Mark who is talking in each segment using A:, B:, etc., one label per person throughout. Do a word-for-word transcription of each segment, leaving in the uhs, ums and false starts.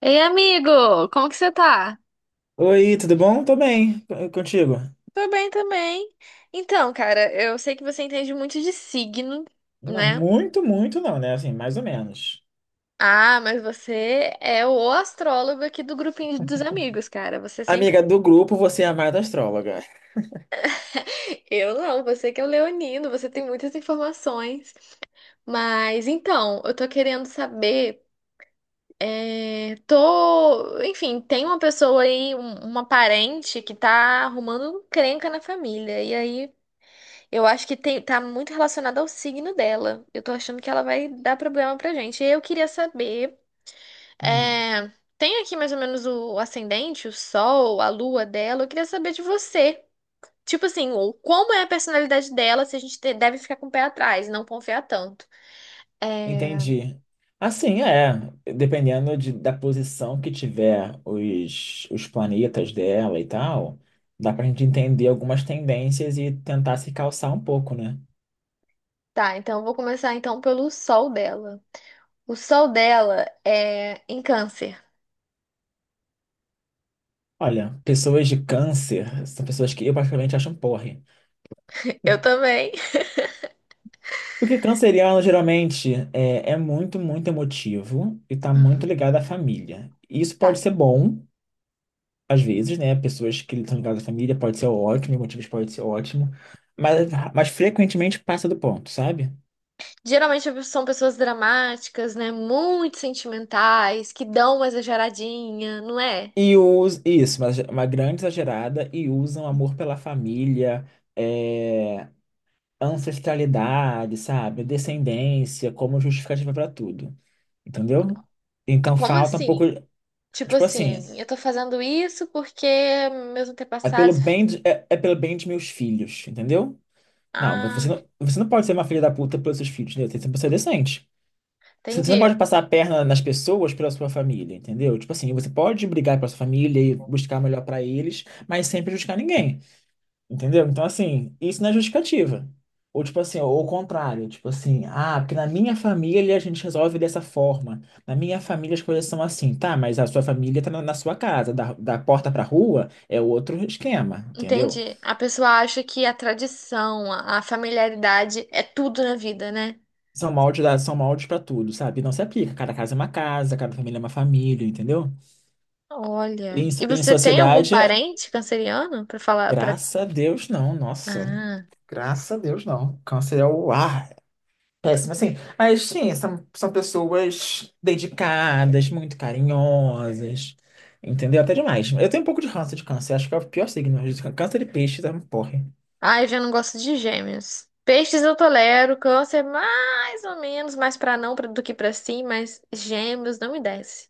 A: Ei, amigo, como que você tá?
B: Oi, tudo bom? Tô bem, e contigo?
A: Tô bem também. Então, cara, eu sei que você entende muito de signo,
B: Não,
A: né?
B: muito, muito não, né? Assim, mais ou menos.
A: Ah, mas você é o astrólogo aqui do grupinho dos amigos, cara. Você sempre.
B: Amiga do grupo, você é a mais astróloga.
A: Eu não, você que é o leonino, você tem muitas informações. Mas então, eu tô querendo saber. é, Tô. Enfim, tem uma pessoa aí, um- uma parente que tá arrumando um encrenca na família. E aí. Eu acho que tem, tá muito relacionado ao signo dela. Eu tô achando que ela vai dar problema pra gente. E eu queria saber,
B: Hum,
A: é, tem aqui mais ou menos o ascendente, o sol, a lua dela. Eu queria saber de você. Tipo assim, o- como é a personalidade dela, se a gente te- deve ficar com o pé atrás, e não confiar tanto. É,
B: Entendi. Assim, é, dependendo de- da posição que tiver os, os planetas dela e tal, dá pra gente entender algumas tendências e tentar se calçar um pouco, né?
A: tá, então eu vou começar então pelo sol dela. O sol dela é em câncer.
B: Olha, pessoas de câncer são pessoas que eu particularmente acho um porre.
A: Eu também.
B: Porque canceriano geralmente é, é muito, muito emotivo e tá muito ligado à família. E isso pode ser bom, às vezes, né? Pessoas que estão ligadas à família pode ser ótimo, motivos pode ser ótimo, mas, mas frequentemente passa do ponto, sabe?
A: Geralmente são pessoas dramáticas, né? Muito sentimentais, que dão uma exageradinha, não é?
B: E us, isso, mas uma grande exagerada e usam amor pela família, é, ancestralidade, sabe? Descendência como justificativa para tudo, entendeu? Então
A: Como
B: falta um pouco,
A: assim? Tipo
B: tipo assim.
A: assim, eu tô fazendo isso porque meus
B: É pelo
A: antepassados.
B: bem de, é, é pelo bem de meus filhos, entendeu? Não, você
A: Ah,
B: não, você não pode ser uma filha da puta pelos seus filhos, entendeu? Você tem que ser uma pessoa decente. Você você não
A: entendi.
B: pode passar a perna nas pessoas pela sua família, entendeu? Tipo assim, você pode brigar pela sua família e buscar o melhor pra eles, mas sem prejudicar ninguém, entendeu? Então, assim, isso não é justificativa. Ou, tipo assim, ou o contrário, tipo assim, ah, porque na minha família a gente resolve dessa forma. Na minha família as coisas são assim, tá? Mas a sua família tá na, na sua casa, da, da porta pra rua é outro esquema, entendeu?
A: Entendi. A pessoa acha que a tradição, a a familiaridade é tudo na vida, né?
B: São moldes, da- são moldes para tudo, sabe? Não se aplica. Cada casa é uma casa, cada família é uma família, entendeu?
A: Olha.
B: Em, so-
A: E
B: em
A: você tem algum
B: sociedade,
A: parente canceriano pra falar para?
B: graças a Deus, não. Nossa, graças a Deus, não. Câncer é o ar. Péssimo, assim. Mas, sim, são, são pessoas dedicadas, muito carinhosas, entendeu? Até demais. Eu tenho um pouco de ranço de câncer. Acho que é o pior signo. Câncer de peixe, tá? Porra.
A: Ah, eu já não gosto de gêmeos. Peixes eu tolero, câncer mais ou menos, mais pra não pra- do que pra sim, mas gêmeos não me desce.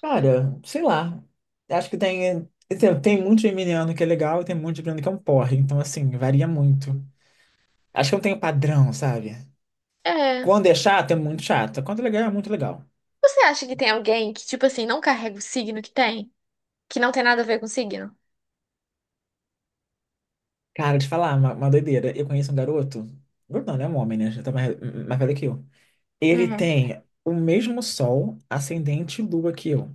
B: Cara, sei lá. Acho que tem. Tem, tem muito geminiano que é legal e tem muito geminiano que é um porre. Então, assim, varia muito. Acho que eu tenho padrão, sabe?
A: É.
B: Quando é chato, é muito chato. Quando é legal, é muito legal.
A: Você acha que tem alguém que, tipo assim, não carrega o signo que tem? Que não tem nada a ver com signo?
B: Cara, de falar, uma, uma doideira. Eu conheço um garoto. Garoto não, né? É um homem, né? Já tá mais, mais velho que eu. Ele
A: Uhum.
B: tem o mesmo sol, ascendente e lua que eu.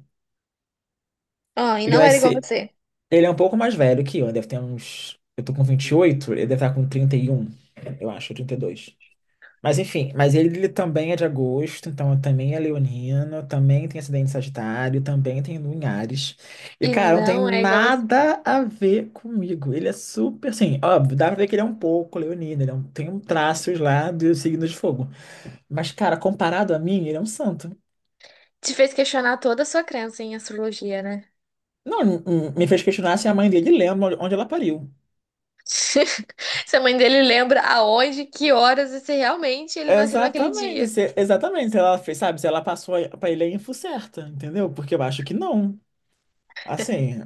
A: Ah, e
B: Ele
A: não
B: vai
A: era igual
B: ser.
A: você.
B: Ele é um pouco mais velho que eu. Deve ter uns. Eu tô com vinte e oito, ele deve estar com trinta e um, eu acho, trinta e dois. Mas enfim, mas ele, ele também é de agosto, então também é leonino, também tem acidente em Sagitário, também tem Lua em Ares. E,
A: E
B: cara, não tem
A: não é igual você.
B: nada a ver comigo. Ele é super, assim, óbvio, dá pra ver que ele é um pouco leonino, ele é um- tem um traços lá do signo de fogo. Mas, cara, comparado a mim, ele é um santo.
A: Te fez questionar toda a sua crença em astrologia, né?
B: Não, m- m- me fez questionar se a mãe dele lembra onde onde ela pariu.
A: Se a mãe dele lembra aonde, que horas e se realmente ele nasceu naquele
B: Exatamente,
A: dia.
B: se- exatamente. Se ela fez, sabe, se ela passou a- pra ele a info certa, entendeu? Porque eu acho que não. Assim,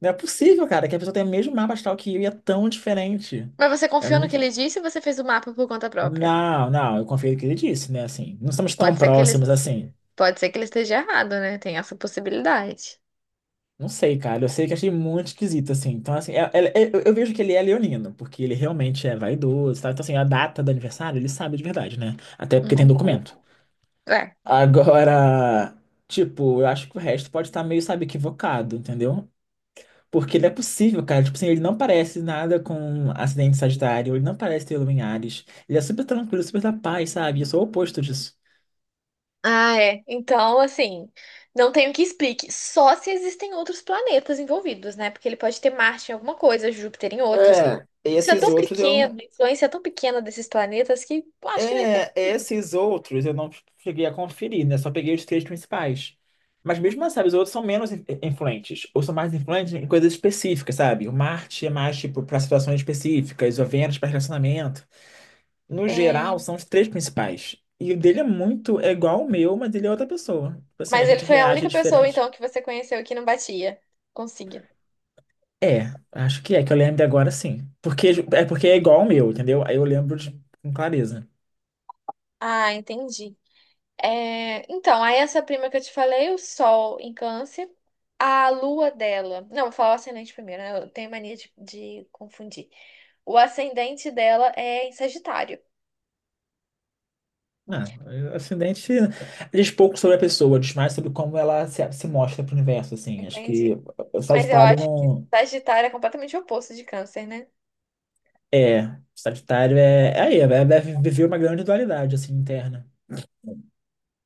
B: não é possível, cara, que a pessoa tenha o mesmo mapa astral que eu e é tão diferente.
A: Mas você
B: É
A: confiou no que
B: muito.
A: ele disse ou você fez o mapa por conta própria?
B: Não, não, eu confio no que ele disse, né? Assim, não somos tão
A: Pode ser que ele,
B: próximos assim.
A: pode ser que ele esteja errado, né? Tem essa possibilidade.
B: Não sei, cara, eu sei que achei muito esquisito, assim. Então, assim, é- é- é- eu eu vejo que ele é leonino, porque ele realmente é vaidoso, tá? Então, assim, a data do aniversário ele sabe de verdade, né? Até porque tem
A: Uhum.
B: documento.
A: É.
B: Agora, tipo, eu acho que o resto pode estar meio, sabe, equivocado, entendeu? Porque não é possível, cara. Tipo assim, ele não parece nada com acidente de Sagitário, ele não parece ter Lua em Ares. Ele é super tranquilo, super da paz, sabe? Eu sou o oposto disso.
A: Ah, é. Então, assim, não tenho que explique. Só se existem outros planetas envolvidos, né? Porque ele pode ter Marte em alguma coisa, Júpiter em outras.
B: É,
A: Isso é
B: esses
A: tão
B: outros eu.
A: pequeno, a influência é tão pequena desses planetas que eu acho que não
B: É, esses outros eu não cheguei a conferir, né? Só peguei os três principais. Mas mesmo assim, sabe, os outros são menos in- influentes, ou são mais influentes em coisas específicas, sabe? O Marte é mais, tipo, para situações específicas, o Vênus para relacionamento. No
A: é...
B: geral, são os três principais. E o dele é muito, é igual ao meu, mas ele é outra pessoa. Tipo assim, a
A: Mas ele
B: gente
A: foi a
B: reage
A: única pessoa,
B: diferente.
A: então, que você conheceu que não batia. Consegui.
B: É, acho que é, que eu lembro agora sim. Porque é porque é igual ao meu, entendeu? Aí eu lembro de, com clareza.
A: Ah, entendi. É, então, aí essa prima que eu te falei, o Sol em Câncer, a Lua dela. Não, vou falar o ascendente primeiro, né? Eu tenho mania de, de confundir. O ascendente dela é em Sagitário.
B: Ah, acidente diz pouco sobre a pessoa, diz mais sobre como ela se, se mostra pro universo, assim. Acho
A: Entendi.
B: que o
A: Mas eu
B: Sagitário
A: acho que
B: não.
A: Sagitário é completamente o oposto de Câncer, né?
B: É, o Sagitário é. É aí, é- deve viver uma grande dualidade, assim, interna.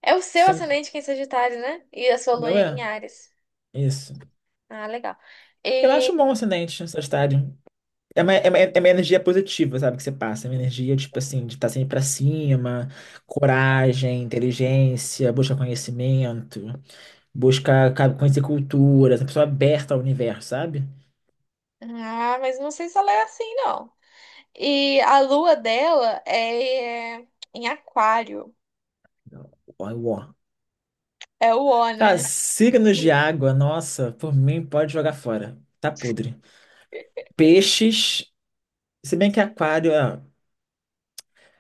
A: É o seu
B: Sendo,
A: ascendente que é em Sagitário, né? E a sua
B: o
A: Lua
B: meu
A: em
B: é.
A: Áries.
B: Isso.
A: Ah, legal.
B: Eu acho
A: E...
B: bom o ascendente, o Sagitário. É uma, é uma, é uma energia positiva, sabe? Que você passa. É uma energia, tipo assim, de estar sempre pra cima, coragem, inteligência, busca conhecimento, busca ca- conhecer culturas, uma pessoa aberta ao universo, sabe?
A: Ah, mas não sei se ela é assim, não. E a Lua dela é em Aquário.
B: Ó, ó.
A: É o O,
B: Cara,
A: né?
B: signos de água, nossa, por mim pode jogar fora. Tá podre. Peixes, se bem que aquário, ah,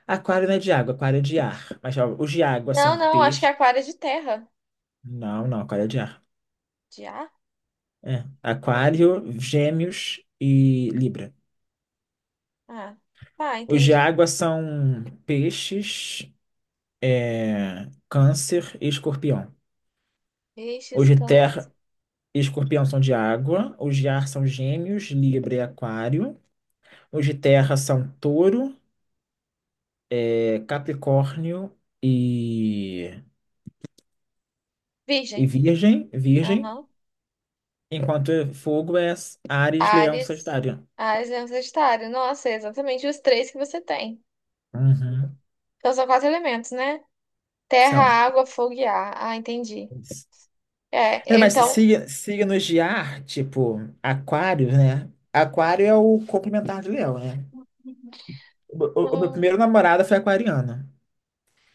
B: aquário não é de água, aquário é de ar. Mas ó, os de água
A: Não,
B: são
A: não, acho que é
B: peixe.
A: aquário é de terra.
B: Não, não, aquário é de ar.
A: De ar?
B: É.
A: Ou Virgem.
B: Aquário, Gêmeos e Libra.
A: Ah, tá,
B: Os de
A: entendi.
B: água são peixes, é, câncer e escorpião.
A: Peixes,
B: Os de
A: câncer.
B: terra e escorpião são de água. Os de ar são gêmeos, libra e aquário. Os de terra são touro, é, capricórnio e, e,
A: Virgem.
B: virgem, virgem.
A: Aham.
B: Enquanto fogo é Áries, leão,
A: Ares.
B: sagitário.
A: Ares, leão, sagitário. Nossa, é exatamente os três que você tem.
B: Uhum,
A: Então são quatro elementos, né? Terra,
B: são.
A: água, fogo e ar. Ah, entendi.
B: É,
A: É,
B: mas
A: então.
B: sig- signos de ar, tipo aquário, né? Aquário é o complementar de leão, né? O, o meu
A: Hum,
B: primeiro namorado foi aquariano.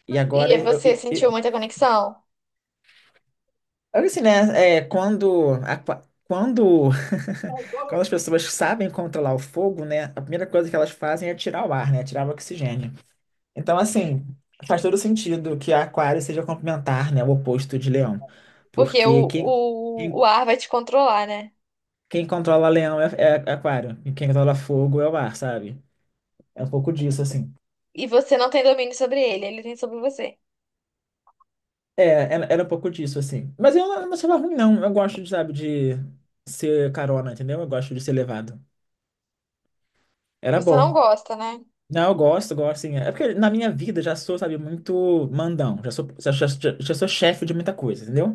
B: E agora,
A: e
B: eu,
A: você
B: eu, eu-
A: sentiu muita conexão?
B: eu- assim, né? É, quando, aqua- quando, quando as pessoas sabem controlar o fogo, né? A primeira coisa que elas fazem é tirar o ar, né? Tirar o oxigênio. Então, assim, faz todo sentido que a aquário seja complementar, né? O oposto de leão.
A: Porque o,
B: Porque quem, quem,
A: o, o ar vai te controlar, né?
B: quem controla leão é, é aquário. E quem controla fogo é o ar, sabe? É um pouco disso, assim.
A: E você não tem domínio sobre ele, ele tem sobre você.
B: É, era era um pouco disso, assim. Mas eu não não achava ruim, não. Eu gosto, de, sabe, de ser carona, entendeu? Eu gosto de ser levado. Era
A: Você não
B: bom.
A: gosta, né?
B: Não, eu gosto, gosto, sim. É porque na minha vida já sou, sabe, muito mandão. Já sou, já, já, já já sou chefe de muita coisa, entendeu?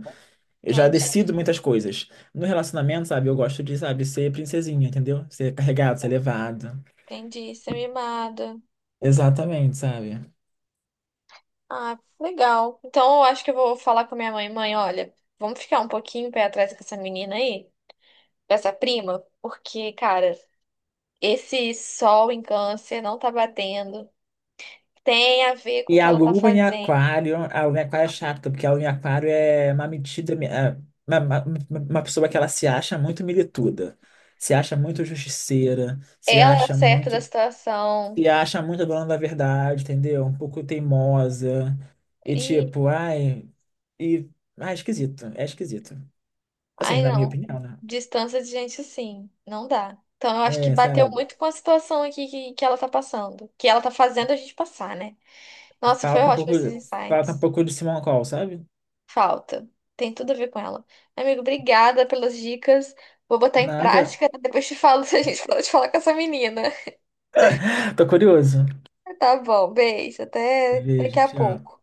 B: Eu já
A: Entendi.
B: decido muitas coisas. No relacionamento, sabe, eu gosto de, sabe, ser princesinha, entendeu? Ser carregado, ser levado.
A: Entendi, você é mimado.
B: Exatamente, sabe?
A: Ah, legal. Então eu acho que eu vou falar com a minha mãe. Mãe, olha, vamos ficar um pouquinho pé atrás com essa menina aí, com essa prima, porque, cara, esse sol em câncer não tá batendo. Tem a ver com o
B: E
A: que
B: a
A: ela tá
B: lua em
A: fazendo.
B: aquário, a lua em aquário é chata, porque a lua em aquário é uma metida, é uma, uma, uma pessoa que ela se acha muito milituda, se acha muito justiceira, se
A: Ela é a
B: acha
A: certa da
B: muito,
A: situação.
B: se acha muito dona da verdade, entendeu? Um pouco teimosa, e
A: E,
B: tipo, ai, e, ai, esquisito, é esquisito. Assim,
A: ai,
B: na minha
A: não.
B: opinião, né?
A: Distância de gente assim, não dá. Então eu acho que
B: É,
A: bateu
B: sabe,
A: muito com a situação aqui que, que ela tá passando, que ela tá fazendo a gente passar, né? Nossa, foi
B: falta um
A: ótimo
B: pouco,
A: esses
B: falta um
A: insights.
B: pouco de Simon Cowell, sabe?
A: Falta. Tem tudo a ver com ela. Amigo, obrigada pelas dicas. Vou botar em
B: Nada.
A: prática. Né? Depois te falo se a gente pode falar com essa menina.
B: Tô curioso.
A: Tá bom, beijo. Até daqui
B: Vejo,
A: a
B: tchau.
A: pouco.